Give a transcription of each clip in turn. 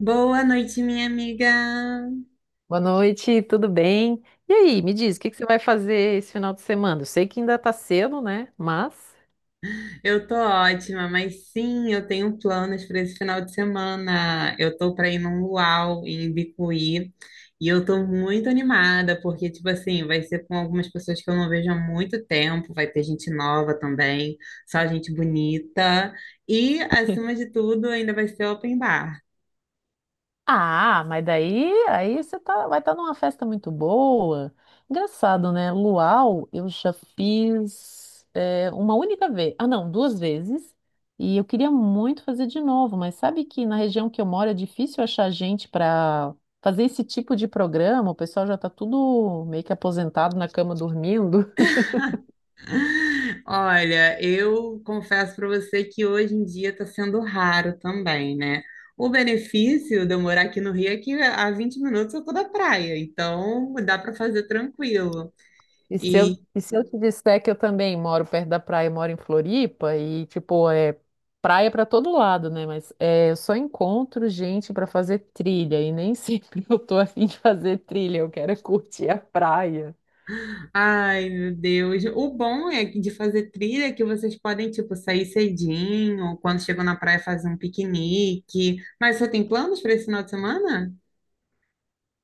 Boa noite, minha amiga. Boa noite, tudo bem? E aí, me diz, o que que você vai fazer esse final de semana? Eu sei que ainda tá cedo, né? Mas. Eu tô ótima, mas sim, eu tenho planos para esse final de semana. Eu tô para ir num luau em Bicuí e eu tô muito animada porque tipo assim, vai ser com algumas pessoas que eu não vejo há muito tempo, vai ter gente nova também, só gente bonita e acima de tudo, ainda vai ser open bar. Ah, mas daí aí vai estar numa festa muito boa. Engraçado, né? Luau, eu já fiz uma única vez. Ah, não, duas vezes. E eu queria muito fazer de novo, mas sabe que na região que eu moro é difícil achar gente para fazer esse tipo de programa. O pessoal já está tudo meio que aposentado na cama dormindo. Olha, eu confesso para você que hoje em dia está sendo raro também, né? O benefício de eu morar aqui no Rio é que a 20 minutos eu tô da praia, então dá para fazer tranquilo. E se eu, E, e se eu te disser que eu também moro perto da praia, eu moro em Floripa, e tipo, é praia pra todo lado, né? Mas eu só encontro gente pra fazer trilha, e nem sempre eu tô afim de fazer trilha, eu quero é curtir a praia. ai, meu Deus, o bom é que de fazer trilha é que vocês podem, tipo, sair cedinho, quando chegam na praia fazer um piquenique. Mas você tem planos para esse final de semana?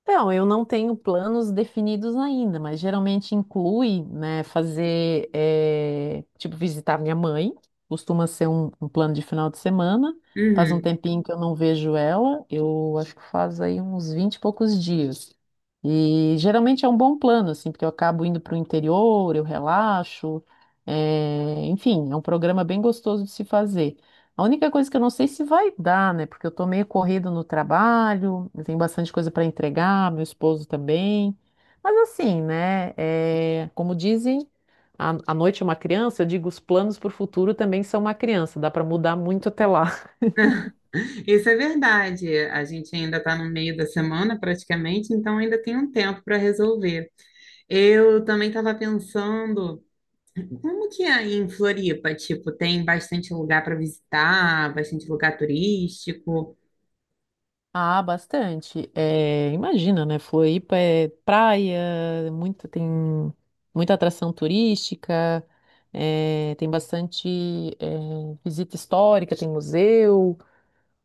Então, eu não tenho planos definidos ainda, mas geralmente inclui, né, fazer, tipo, visitar minha mãe, costuma ser um plano de final de semana. Faz um Uhum. tempinho que eu não vejo ela, eu acho que faz aí uns 20 e poucos dias. E geralmente é um bom plano, assim, porque eu acabo indo para o interior, eu relaxo, enfim, é um programa bem gostoso de se fazer. A única coisa que eu não sei se vai dar, né? Porque eu tô meio corrido no trabalho, eu tenho bastante coisa para entregar, meu esposo também. Mas assim, né? Como dizem, a noite é uma criança, eu digo, os planos para o futuro também são uma criança, dá para mudar muito até lá. Isso é verdade. A gente ainda está no meio da semana, praticamente, então ainda tem um tempo para resolver. Eu também estava pensando, como que é aí em Floripa, tipo, tem bastante lugar para visitar, bastante lugar turístico? Ah, bastante. É, imagina, né? Floripa é praia, muito, tem muita atração turística, tem bastante visita histórica, tem museu.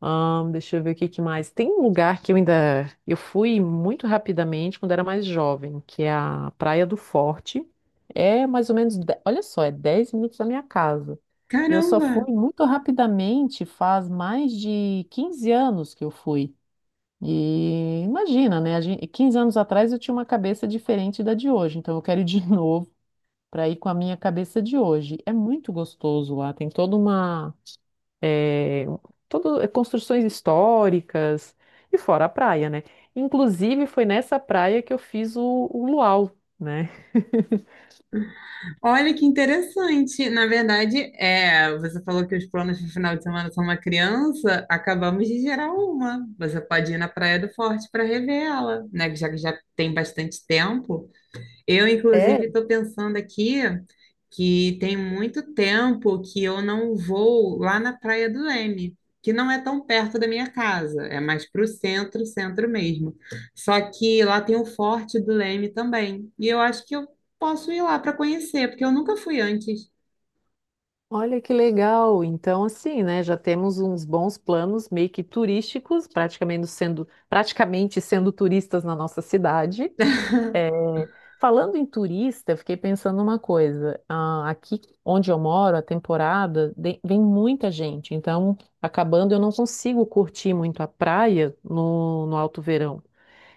Deixa eu ver o que que mais. Tem um lugar que eu ainda. Eu fui muito rapidamente quando era mais jovem, que é a Praia do Forte. É mais ou menos. Olha só, é 10 minutos da minha casa. E eu só Caramba! fui muito rapidamente, faz mais de 15 anos que eu fui. E imagina, né? 15 anos atrás eu tinha uma cabeça diferente da de hoje, então eu quero ir de novo para ir com a minha cabeça de hoje. É muito gostoso lá, tem toda é, todo, construções históricas e fora a praia, né? Inclusive foi nessa praia que eu fiz o luau, né? Olha que interessante. Na verdade, é, você falou que os planos de final de semana são uma criança, acabamos de gerar uma. Você pode ir na Praia do Forte para rever ela, né? Já que já tem bastante tempo. Eu, É, inclusive, estou pensando aqui que tem muito tempo que eu não vou lá na Praia do Leme, que não é tão perto da minha casa, é mais para o centro, centro mesmo. Só que lá tem o Forte do Leme também, e eu acho que eu posso ir lá para conhecer, porque eu nunca fui antes. olha que legal! Então, assim, né? Já temos uns bons planos meio que turísticos, praticamente sendo turistas na nossa cidade. É, falando em turista, eu fiquei pensando uma coisa. Ah, aqui onde eu moro, a temporada vem muita gente, então acabando eu não consigo curtir muito a praia no alto verão.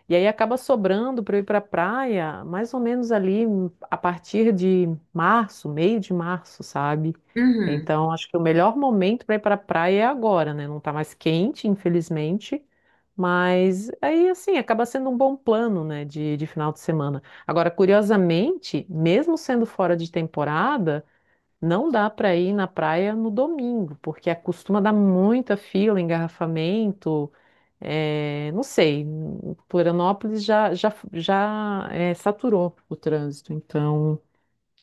E aí acaba sobrando para eu ir para a praia, mais ou menos ali a partir de março, meio de março, sabe? Uhum, Então acho que o melhor momento para ir para a praia é agora, né? Não tá mais quente, infelizmente, mas aí assim acaba sendo um bom plano, né, de final de semana. Agora, curiosamente, mesmo sendo fora de temporada, não dá para ir na praia no domingo, porque costuma dar muita fila, engarrafamento. É, não sei, Florianópolis já saturou o trânsito, então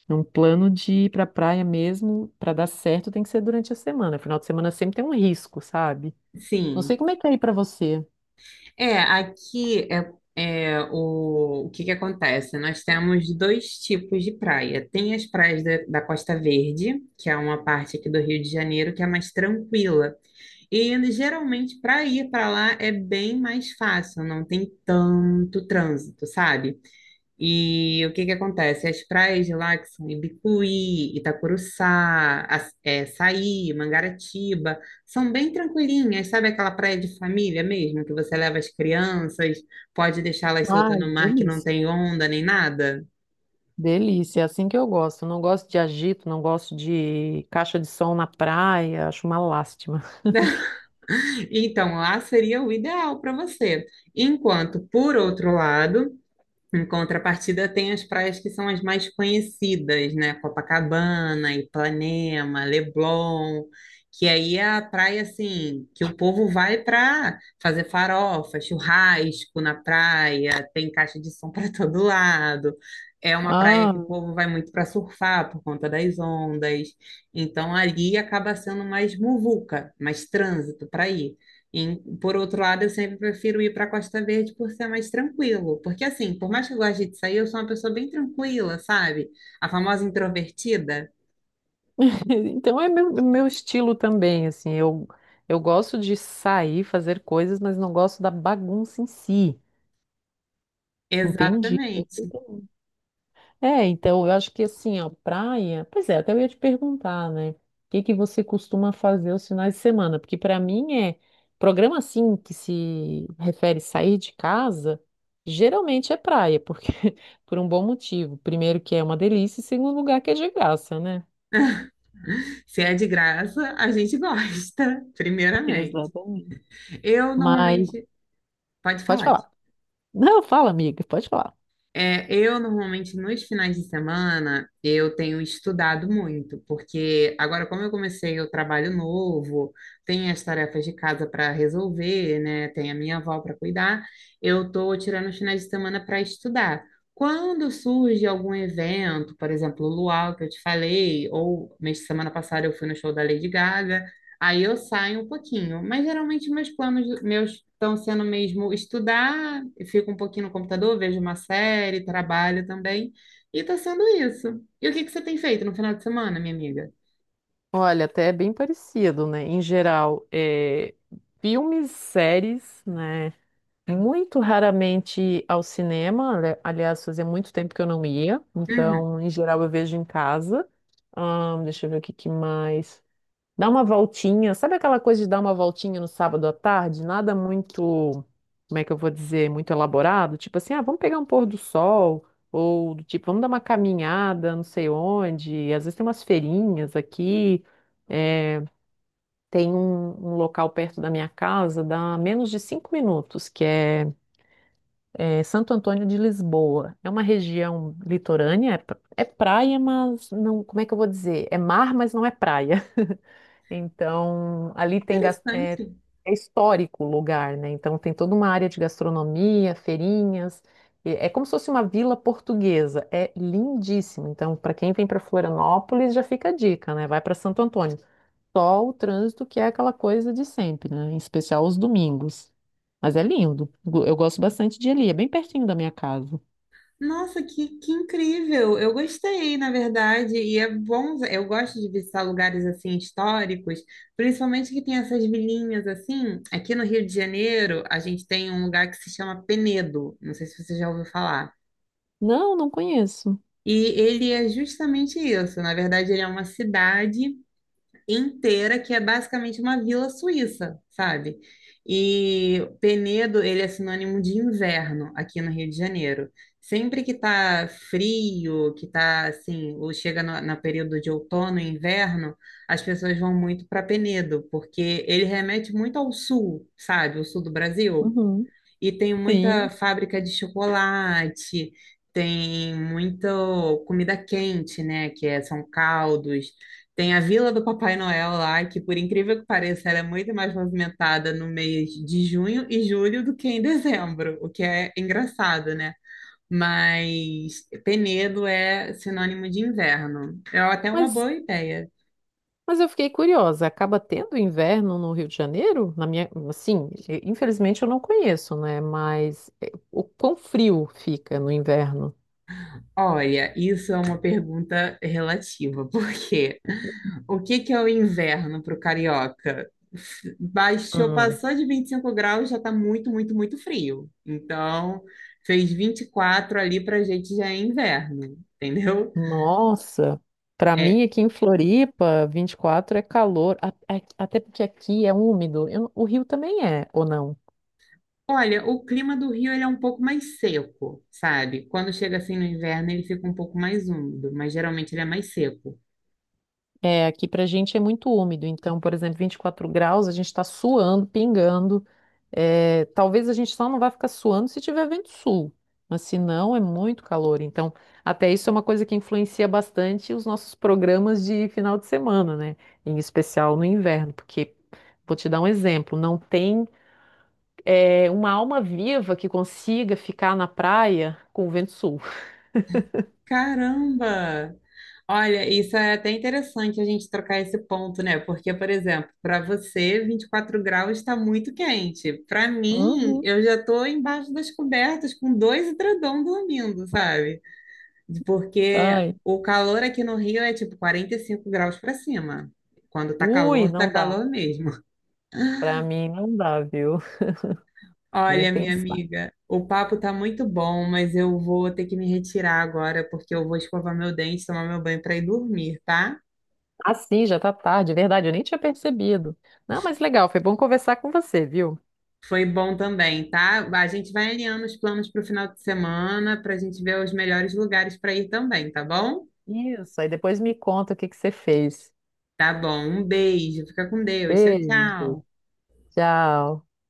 é um plano de ir para a praia mesmo, para dar certo, tem que ser durante a semana. Final de semana sempre tem um risco, sabe? Não sei sim. como é que é aí para você. É, aqui é, é, o que que acontece? Nós temos dois tipos de praia. Tem as praias da, da Costa Verde, que é uma parte aqui do Rio de Janeiro que é mais tranquila. E geralmente para ir para lá é bem mais fácil, não tem tanto trânsito, sabe? E o que que acontece? As praias de lá, que são Ibicuí, Itacuruçá, As- é, Saí, Mangaratiba, são bem tranquilinhas, sabe aquela praia de família mesmo, que você leva as crianças, pode deixá-las soltas Ai, no mar que não delícia. tem onda nem nada? Delícia, é assim que eu gosto. Não gosto de agito, não gosto de caixa de som na praia, acho uma lástima. Então, lá seria o ideal para você. Enquanto, por outro lado, em contrapartida, tem as praias que são as mais conhecidas, né? Copacabana, Ipanema, Leblon, que aí é a praia assim que o povo vai para fazer farofa, churrasco na praia, tem caixa de som para todo lado. É uma praia que o Ah. povo vai muito para surfar por conta das ondas. Então ali acaba sendo mais muvuca, mais trânsito para ir. E, por outro lado, eu sempre prefiro ir para a Costa Verde por ser mais tranquilo. Porque, assim, por mais que eu goste de sair, eu sou uma pessoa bem tranquila, sabe? A famosa introvertida. Então é meu estilo também, assim, eu gosto de sair, fazer coisas, mas não gosto da bagunça em si, entendi. Exatamente. É, então eu acho que assim, ó, praia, pois é, até eu ia te perguntar, né, o que que você costuma fazer os finais de semana? Porque para mim programa assim, que se refere a sair de casa, geralmente é praia, porque, por um bom motivo, primeiro que é uma delícia e segundo lugar que é de graça, né? Se é de graça, a gente gosta, primeiramente. Exatamente. Eu Mas, normalmente. Pode pode falar. falar. Não, fala, amiga, pode falar. É, eu normalmente nos finais de semana eu tenho estudado muito, porque agora como eu comecei o trabalho novo, tem as tarefas de casa para resolver, né? Tem a minha avó para cuidar, eu tô tirando os finais de semana para estudar. Quando surge algum evento, por exemplo, o luau que eu te falei, ou mês de semana passada eu fui no show da Lady Gaga, aí eu saio um pouquinho, mas geralmente meus planos meus estão sendo mesmo estudar, eu fico um pouquinho no computador, vejo uma série, trabalho também, e tá sendo isso. E o que que você tem feito no final de semana, minha amiga? Olha, até é bem parecido, né? Em geral, filmes, séries, né? Muito raramente ao cinema. Aliás, fazia muito tempo que eu não ia. Uhum. Então, em geral, eu vejo em casa. Deixa eu ver o que que mais. Dá uma voltinha. Sabe aquela coisa de dar uma voltinha no sábado à tarde? Nada muito, como é que eu vou dizer, muito elaborado. Tipo assim, ah, vamos pegar um pôr do sol, ou do tipo, vamos dar uma caminhada, não sei onde. Às vezes tem umas feirinhas aqui. Tem um local perto da minha casa, dá menos de 5 minutos, que é Santo Antônio de Lisboa. É uma região litorânea, é praia, mas não, como é que eu vou dizer? É mar, mas não é praia. Então, ali tem Interessante. é histórico o lugar, né? Então, tem toda uma área de gastronomia, feirinhas. E é como se fosse uma vila portuguesa. É lindíssimo. Então, para quem vem para Florianópolis, já fica a dica, né? Vai para Santo Antônio. Só o trânsito, que é aquela coisa de sempre, né? Em especial os domingos. Mas é lindo. Eu gosto bastante de ir ali. É bem pertinho da minha casa. Nossa, que incrível! Eu gostei, na verdade, e é bom. Eu gosto de visitar lugares assim históricos, principalmente que tem essas vilinhas assim. Aqui no Rio de Janeiro, a gente tem um lugar que se chama Penedo. Não sei se você já ouviu falar. Não, não conheço. E ele é justamente isso. Na verdade, ele é uma cidade inteira que é basicamente uma vila suíça, sabe? E Penedo, ele é sinônimo de inverno aqui no Rio de Janeiro. Sempre que tá frio, que tá assim, ou chega no, no período de outono e inverno, as pessoas vão muito para Penedo, porque ele remete muito ao sul, sabe? O sul do Brasil. Uhum. E tem muita Sim. fábrica de chocolate, tem muita comida quente, né? Que é- são caldos. Tem a Vila do Papai Noel lá, que por incrível que pareça, ela é muito mais movimentada no mês de junho e julho do que em dezembro, o que é engraçado, né? Mas Penedo é sinônimo de inverno. É até uma Mas boa ideia. Mas eu fiquei curiosa, acaba tendo inverno no Rio de Janeiro? Na minha, assim, infelizmente eu não conheço, né? Mas o quão frio fica no inverno? Olha, isso é uma pergunta relativa, porque o que que é o inverno para o carioca? Baixou, Hum. passou de 25 graus, já está muito, muito, muito frio. Então, fez 24 ali para a gente já é inverno, entendeu? Nossa, para É, mim aqui em Floripa, 24 é calor, até porque aqui é úmido. Eu não- O Rio também é, ou não? olha, o clima do Rio ele é um pouco mais seco, sabe? Quando chega assim no inverno, ele fica um pouco mais úmido, mas geralmente ele é mais seco. É, aqui pra gente é muito úmido, então, por exemplo, 24 graus, a gente está suando, pingando. É, talvez a gente só não vai ficar suando se tiver vento sul, mas se não, é muito calor. Então, até isso é uma coisa que influencia bastante os nossos programas de final de semana, né? Em especial no inverno, porque, vou te dar um exemplo, não tem, uma alma viva que consiga ficar na praia com o vento sul. Caramba! Olha, isso é até interessante a gente trocar esse ponto, né? Porque, por exemplo, para você, 24 graus está muito quente. Para mim, Uhum. eu já estou embaixo das cobertas com dois edredom dormindo, sabe? Porque Ai, o calor aqui no Rio é tipo 45 graus para cima. Quando ui, tá não dá. calor mesmo. Pra mim não dá, viu? Nem Olha, minha pensar. amiga, o papo tá muito bom, mas eu vou ter que me retirar agora porque eu vou escovar meu dente, tomar meu banho para ir dormir, tá? Ah, sim, já tá tarde, verdade, eu nem tinha percebido. Não, mas legal, foi bom conversar com você, viu? Foi bom também, tá? A gente vai alinhando os planos para o final de semana para a gente ver os melhores lugares para ir também, tá bom? Isso, aí depois me conta o que que você fez. Tá bom. Um beijo. Fica com Deus. Tchau, Beijo, tchau. tchau.